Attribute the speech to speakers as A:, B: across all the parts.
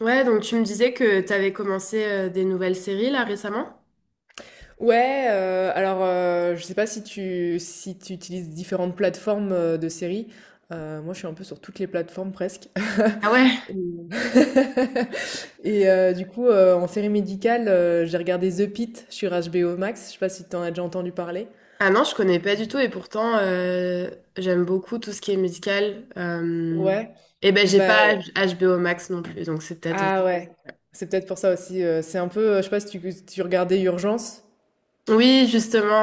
A: Ouais, donc tu me disais que t'avais commencé des nouvelles séries là récemment?
B: Ouais, je sais pas si tu utilises différentes plateformes, de séries. Moi, je suis un peu sur toutes les plateformes presque
A: Ah ouais?
B: et du coup, en série médicale, j'ai regardé The Pitt sur HBO Max. Je sais pas si tu en as déjà entendu parler?
A: Ah non, je connais pas du tout et pourtant. J'aime beaucoup tout ce qui est musical.
B: Ouais,
A: Et ben j'ai
B: bah
A: pas HBO Max non plus, donc c'est peut-être
B: ah
A: aussi.
B: ouais, c'est peut-être pour ça aussi, c'est un peu, je sais pas si tu regardais Urgence?
A: Oui,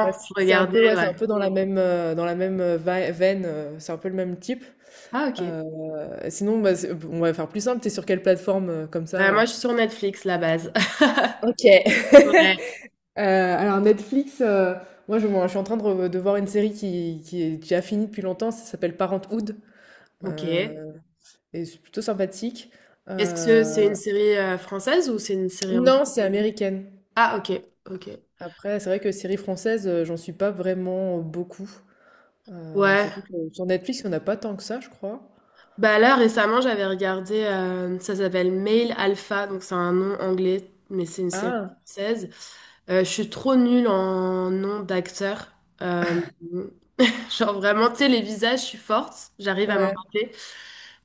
B: Bah,
A: je
B: c'est un peu
A: regardais,
B: ouais, c'est
A: ouais.
B: un peu dans la même, vai veine, c'est un peu le même type.
A: Ah ok.
B: Euh, Sinon, bah, on va faire plus simple. T'es sur quelle plateforme comme ça euh
A: Moi je suis sur Netflix, la base.
B: Ok.
A: Ouais,
B: Euh, alors Netflix, moi, je suis en train de, de voir une série qui est déjà finie depuis longtemps, ça s'appelle Parenthood,
A: ok.
B: euh, et c'est plutôt sympathique.
A: Est-ce que c'est
B: Euh,
A: une série française ou c'est une série anglaise?
B: non, c'est américaine.
A: Ah ok, ok.
B: Après, c'est vrai que série française, j'en suis pas vraiment beaucoup.
A: Ouais.
B: Surtout que sur Netflix, il n'y en a pas tant que ça, je crois.
A: Bah là, récemment, j'avais regardé, ça s'appelle Male Alpha, donc c'est un nom anglais, mais c'est une série
B: Ah,
A: française. Je suis trop nulle en nom d'acteur. Euh, genre vraiment, tu sais, les visages, je suis forte, j'arrive à m'en
B: ouais,
A: rappeler,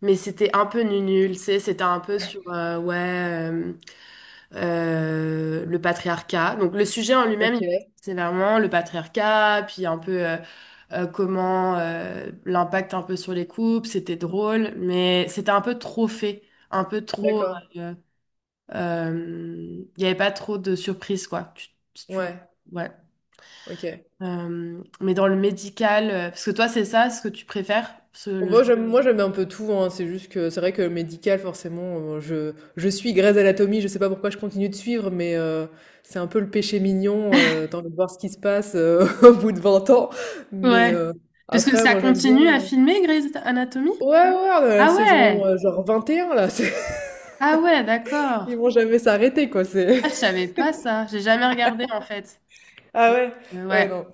A: mais c'était un peu nul, nul, tu sais, c'était un peu sur, ouais, euh, le patriarcat. Donc le sujet en
B: ok,
A: lui-même, c'est vraiment le patriarcat, puis un peu comment l'impact un peu sur les couples, c'était drôle, mais c'était un peu trop fait, un peu trop...
B: d'accord.
A: euh, Il n'y avait pas trop de surprises, quoi. Tu, si tu-
B: Ouais,
A: ouais.
B: ok.
A: Mais dans le médical, parce que toi, c'est ça ce que tu préfères, ce,
B: Bon,
A: le
B: moi
A: genre.
B: j'aime moi Euh, j'aime un peu tout hein. C'est juste que c'est vrai que le médical forcément je suis Grey's Anatomy, je sais pas pourquoi je continue de suivre mais c'est un peu le péché mignon t'as envie de voir ce qui se passe au bout de 20 ans mais
A: Ouais. Parce que
B: après
A: ça
B: moi j'aime bien
A: continue à
B: euh,
A: filmer Grey's Anatomy?
B: Ouais ouais, on est à la
A: Ah
B: saison
A: ouais!
B: genre 21 là,
A: Ah ouais,
B: ils
A: d'accord.
B: vont jamais s'arrêter quoi. C'est
A: Ah, je savais pas ça. J'ai jamais regardé en fait.
B: ah ouais?
A: Euh,
B: Ouais,
A: ouais,
B: non.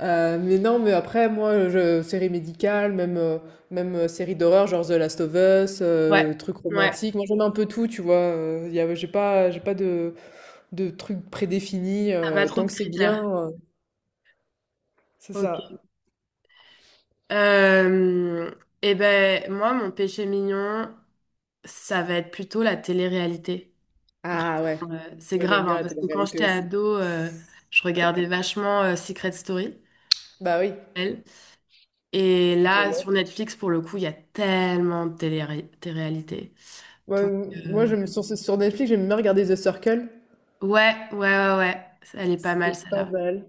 B: Mais non, mais après, moi, je séries médicales, même, séries d'horreur, genre The Last of Us,
A: ouais,
B: trucs
A: ouais.
B: romantiques. Moi, j'aime un peu tout, tu vois? Il y a j'ai pas de de trucs prédéfinis,
A: T'as pas trop
B: tant
A: de
B: que c'est
A: critères.
B: bien, heu c'est
A: Ok.
B: ça.
A: Euh, eh ben, moi, mon péché mignon, ça va être plutôt la télé-réalité.
B: Ah ouais,
A: Vraiment, c'est
B: moi, j'aime
A: grave,
B: bien
A: hein,
B: la
A: parce que quand
B: télé-réalité
A: j'étais
B: aussi.
A: ado. Je regardais vachement Secret Story.
B: Bah oui,
A: Elle. Et
B: The
A: là,
B: Love.
A: sur Netflix, pour le coup, il y a tellement de télé-réalité.
B: Moi,
A: Donc,
B: moi,
A: euh,
B: j'aime sur Netflix, j'aime bien regarder The Circle.
A: ouais, ouais, ouais, ouais. Elle est pas mal,
B: C'était pas
A: celle-là.
B: mal.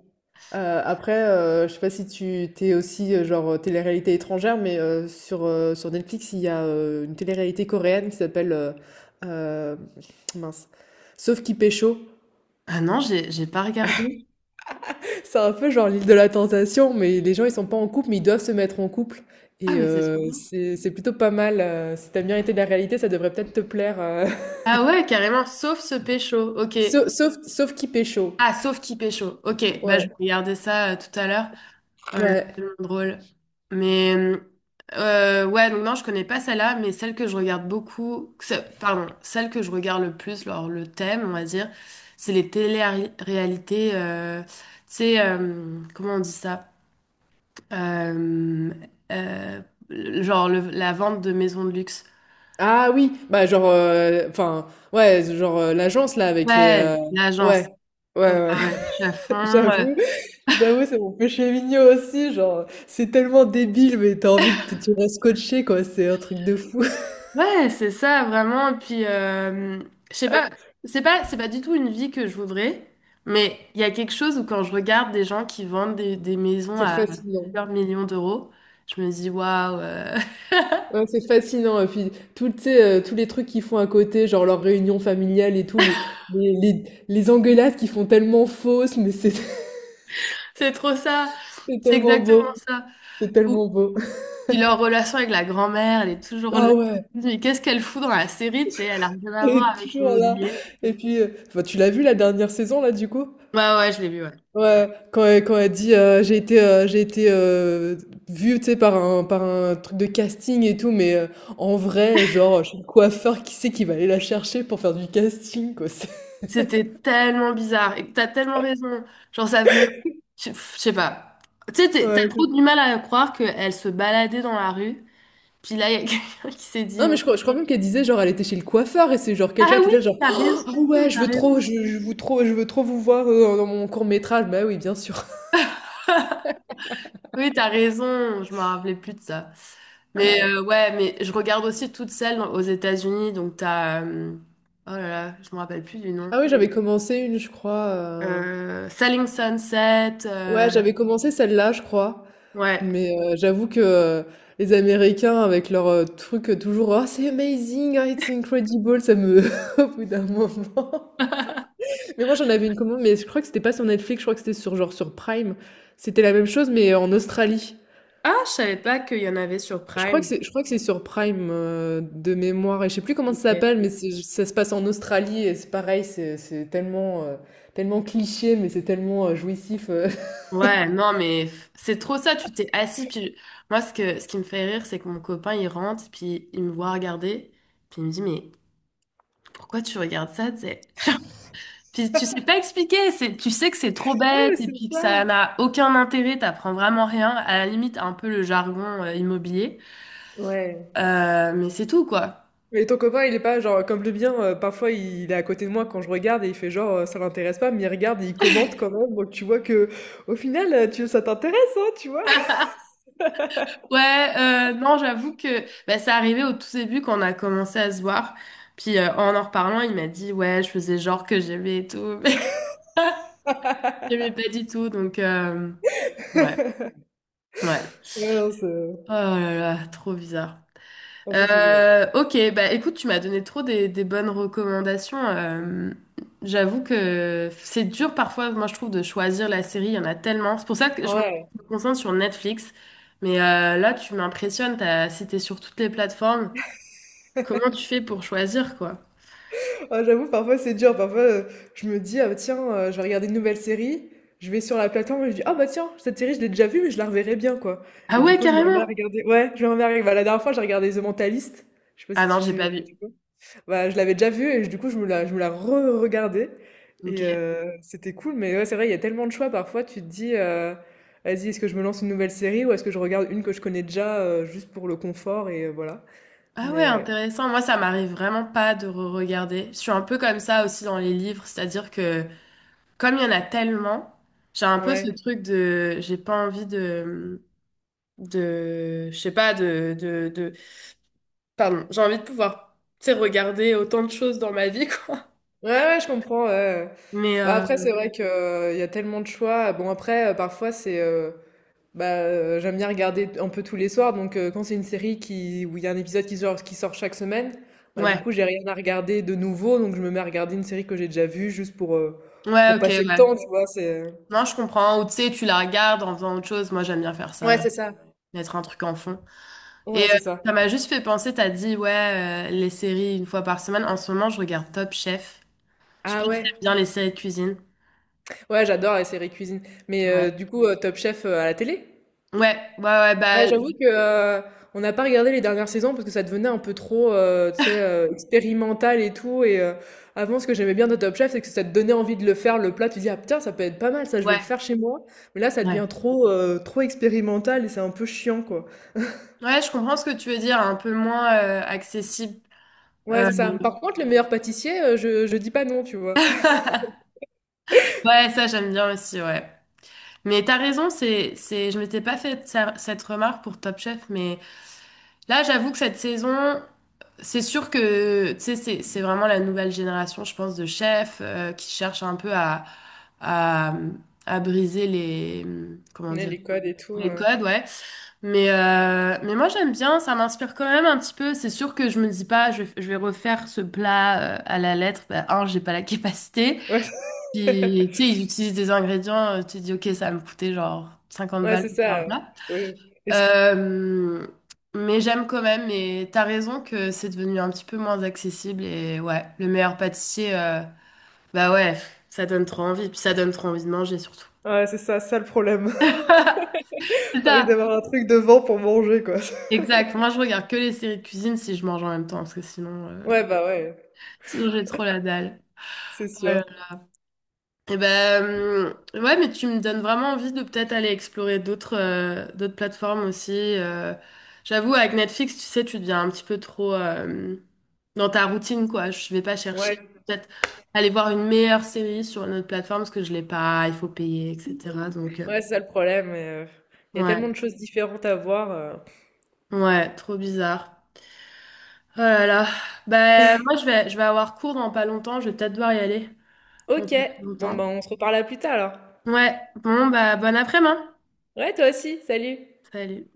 B: Heu, Après, je sais pas si tu t'es aussi, genre, télé-réalité étrangère, mais, sur Netflix, il y a, une réalité coréenne qui s'appelle, hem, mince, Sauf qui pécho.
A: Ah non, j'ai pas regardé.
B: C'est un peu genre l'île de la tentation, mais les gens, ils sont pas en couple, mais ils doivent se mettre en couple
A: Ah,
B: et
A: mais c'est trop
B: heu,
A: bien.
B: c'est plutôt pas mal, si tu aimes bien été de la réalité, ça devrait peut-être te plaire.
A: Ah ouais, carrément, sauf ce pécho. Ok.
B: Sau Sauf qui pécho.
A: Ah, sauf qui pécho. Ok, bah je
B: Ouais,
A: vais regarder ça tout à l'heure. Voilà, c'est
B: ouais.
A: tellement drôle. Mais ouais, donc non, je connais pas celle-là, mais celle que je regarde beaucoup, pardon, celle que je regarde le plus, alors le thème, on va dire, c'est les télé-réalités. Tu sais, comment on dit ça? Euh, euh, genre la vente de maisons de luxe.
B: Ah oui, bah genre, enfin, ouais, genre, l'agence là avec les,
A: Ouais, l'agence.
B: ouais,
A: Ouais,
B: ouais, ouais.
A: ouais, je suis à fond.
B: j'avoue, J'avoue, c'est mon péché mignon aussi, genre, c'est tellement débile, mais t'as envie de t tu restes scotché quoi, c'est un truc de fou.
A: Ouais, c'est ça, vraiment. Puis, je sais pas, c'est pas, c'est pas du tout une vie que je voudrais, mais il y a quelque chose où quand je regarde des gens qui vendent des maisons
B: C'est
A: à
B: fascinant.
A: plusieurs millions d'euros, je me dis, waouh,
B: Ouais, c'est fascinant et puis tout, tu sais, tous les trucs qu'ils font à côté, genre leurs réunions familiales et tout, les engueulades qu'ils font tellement fausses, mais c'est
A: c'est trop ça,
B: c'est
A: c'est
B: tellement
A: exactement
B: beau,
A: ça.
B: c'est tellement
A: Ou,
B: beau.
A: puis leur relation avec la grand-mère, elle est toujours là.
B: Ah ouais.
A: Mais qu'est-ce qu'elle fout dans la série, tu sais, elle a rien à
B: Elle
A: voir
B: est
A: avec
B: toujours là
A: l'immobilier.
B: et puis, enfin, tu l'as vu la dernière saison là du coup?
A: Ouais, ouais, je l'ai vu, ouais.
B: Ouais, quand elle dit, j'ai été, vue, tu sais, par un truc de casting et tout», mais, en vrai, genre, chez le coiffeur, qui sait qui va aller la chercher pour faire du casting quoi? C'est
A: C'était tellement bizarre. Et t'as tellement raison. Genre, ça venait. Je pff, je sais pas. Tu sais, t'as
B: ouais,
A: trop
B: c'est
A: du mal à croire qu'elle se baladait dans la rue. Puis là, il y a quelqu'un qui s'est dit,
B: non mais je crois même qu'elle disait, genre, elle était chez le coiffeur et c'est, genre,
A: Ah
B: quelqu'un qui
A: oui,
B: était là, genre:
A: t'as
B: «Oh,
A: raison,
B: «Ah ouais,
A: t'as raison.
B: je veux trop vous voir, dans mon court métrage». Bah oui, bien sûr.
A: Oui, t'as raison. Je me rappelais plus de ça. Mais
B: Ouais.
A: euh, ouais, mais je regarde aussi toutes celles aux États-Unis. Donc, t'as. Oh là là, je me rappelle plus du nom.
B: Ah oui, j'avais commencé une, je crois.
A: Selling Sunset.
B: Ouais, j'avais commencé celle-là, je crois.
A: Ouais.
B: Mais j'avoue que les Américains, avec leur truc toujours «Oh, c'est amazing, oh, it's incredible», ça me... au bout d'un moment... Mais moi, j'en avais une commande, mais je crois que c'était pas sur Netflix, je crois que c'était sur, genre, sur Prime. C'était la même chose, mais en Australie.
A: Ah, je savais pas qu'il y en avait sur Prime.
B: Je crois que c'est sur Prime, de mémoire, et je sais plus comment ça
A: Ok.
B: s'appelle, mais ça se passe en Australie, et c'est pareil, c'est tellement, tellement cliché, mais c'est tellement jouissif.
A: Ouais, non, mais c'est trop ça, tu t'es assis, puis moi, ce que, ce qui me fait rire, c'est que mon copain, il rentre, puis il me voit regarder, puis il me dit, mais pourquoi tu regardes ça, tu sais? Genre, puis tu sais pas expliquer, c'est, tu sais que c'est trop
B: Ouais, mais
A: bête, et
B: c'est
A: puis que ça
B: ça!
A: n'a aucun intérêt, t'apprends vraiment rien, à la limite, un peu le jargon immobilier.
B: Ouais.
A: Mais c'est tout, quoi.
B: Mais ton copain, il est pas genre comme le mien, parfois il est à côté de moi quand je regarde et il fait genre, ça l'intéresse pas, mais il regarde et il commente quand même, donc tu vois que au final, tu ça t'intéresse, hein, tu vois?
A: Ouais, non, j'avoue que bah, c'est arrivé au tout début quand on a commencé à se voir. Puis en en reparlant, il m'a dit, ouais, je faisais genre que j'aimais et tout. J'aimais pas du tout, donc ouais, ouais.
B: Ouais, non, c'est
A: Oh là là, trop bizarre.
B: ah ça c'est drôle.
A: Ok, bah écoute, tu m'as donné trop des bonnes recommandations. J'avoue que c'est dur parfois, moi je trouve, de choisir la série, il y en a tellement. C'est pour ça que
B: Ouais.
A: je me concentre sur Netflix. Mais là, tu m'impressionnes, t'as cité sur toutes les plateformes. Comment tu fais pour choisir, quoi?
B: Ah j'avoue parfois c'est dur, parfois, je me dis: «Ah tiens, je vais regarder une nouvelle série», je vais sur la plateforme et je dis: «Ah bah tiens, cette série je l'ai déjà vue mais je la reverrai bien quoi»
A: Ah
B: et du
A: ouais,
B: coup
A: carrément!
B: je me remets à regarder bah la dernière fois j'ai regardé The Mentalist, je sais pas
A: Ah
B: si
A: non, j'ai pas
B: tu
A: vu.
B: Bah, je l'avais déjà vue et du coup, je me la re-regardais et
A: Ok.
B: c'était cool mais ouais, c'est vrai, il y a tellement de choix parfois, tu te dis, «Vas-y, est-ce que je me lance une nouvelle série ou est-ce que je regarde une que je connais déjà, juste pour le confort?» et voilà.
A: Ah ouais,
B: Mais ouais.
A: intéressant. Moi, ça m'arrive vraiment pas de re-regarder. Je suis un peu comme ça aussi dans les livres, c'est-à-dire que comme il y en a tellement, j'ai un peu
B: Ouais.
A: ce truc de, j'ai pas envie de, je sais pas, de, pardon, j'ai envie de pouvoir, tu sais, regarder autant de choses dans ma vie, quoi.
B: Ouais, ouais, je comprends, ouais, ouais.
A: Mais
B: Bah,
A: euh,
B: après, c'est vrai qu'il y a tellement de choix. Bon après, j'aime bien regarder un peu tous les soirs, donc quand c'est une série qui où il y a un épisode qui sort chaque semaine, bah, du coup,
A: ouais,
B: j'ai rien à regarder de nouveau, donc je me mets à regarder une série que j'ai déjà vue juste
A: ouais,
B: pour
A: ok,
B: passer le
A: ouais.
B: temps, tu vois? C'est
A: Non, je comprends. Ou tu sais, tu la regardes en faisant autre chose. Moi, j'aime bien faire
B: ouais,
A: ça,
B: c'est ça.
A: mettre un truc en fond.
B: Ouais,
A: Et
B: c'est ça.
A: ça m'a juste fait penser, t'as dit, ouais, les séries une fois par semaine. En ce moment, je regarde Top Chef. Je sais pas
B: Ah
A: si
B: ouais?
A: t'aimes bien les séries de cuisine.
B: Ouais, j'adore les séries cuisine. Mais
A: Ouais.
B: du coup, Top Chef, à la télé?
A: Ouais, ouais, ouais, bah,
B: Ouais, j'avoue que, on n'a pas regardé les dernières saisons parce que ça devenait un peu trop, tu sais, expérimental et tout et avant ce que j'aimais bien de Top Chef, c'est que ça te donnait envie de le faire le plat, tu dis: «Ah putain, ça peut être pas mal ça, je vais le
A: ouais,
B: faire chez moi». Mais là, ça devient
A: ouais.
B: trop, trop expérimental et c'est un peu chiant, quoi.
A: Ouais, je comprends ce que tu veux dire, un peu moins accessible.
B: Ouais,
A: Euh,
B: c'est ça. Par contre, le meilleur pâtissier, je dis pas non, tu vois?
A: ouais, ça, j'aime bien aussi, ouais. Mais t'as raison, c'est, je m'étais pas fait cette remarque pour Top Chef, mais là, j'avoue que cette saison, c'est sûr que tu sais, c'est vraiment la nouvelle génération, je pense, de chefs qui cherchent un peu à, à briser les comment
B: Ouais,
A: dire
B: les codes et tout,
A: les codes, ouais. Mais mais moi j'aime bien, ça m'inspire quand même un petit peu. C'est sûr que je me dis pas, je vais refaire ce plat à la lettre. Bah, un, j'ai pas la capacité.
B: ouais,
A: Puis tu sais, ils utilisent des ingrédients. Tu te dis ok, ça va me coûter genre 50
B: ouais,
A: balles
B: c'est
A: pour faire un
B: ça,
A: plat.
B: oui, et c
A: Euh, mais j'aime quand même, et t'as raison que c'est devenu un petit peu moins accessible. Et ouais, le meilleur pâtissier, bah ouais, ça donne trop envie. Puis ça donne trop envie de manger surtout.
B: ouais, c'est ça, ça le problème.
A: C'est
B: t'as envie
A: ça,
B: d'avoir un truc devant pour manger, quoi.
A: exact. Moi, je regarde que les séries de cuisine si je mange en même temps, parce que sinon,
B: Ouais, bah, ouais,
A: sinon j'ai trop la dalle.
B: c'est sûr.
A: Euh, Et ben, ouais, mais tu me donnes vraiment envie de peut-être aller explorer d'autres d'autres plateformes aussi. J'avoue, avec Netflix, tu sais, tu deviens un petit peu trop dans ta routine, quoi. Je vais pas chercher
B: Ouais.
A: peut-être aller voir une meilleure série sur une autre plateforme parce que je l'ai pas, il faut payer, etc. Donc,
B: Ouais, c'est ça le problème. Il y a tellement de
A: ouais,
B: choses différentes à voir.
A: ouais, trop bizarre. Oh là là. Ben, moi, je vais avoir cours dans pas longtemps. Je vais peut-être devoir y aller dans pas
B: Ok,
A: plus
B: bon ben
A: longtemps.
B: on se reparle à plus tard alors.
A: Ouais, bon, bah, bon après-midi.
B: Ouais, toi aussi, salut!
A: Salut.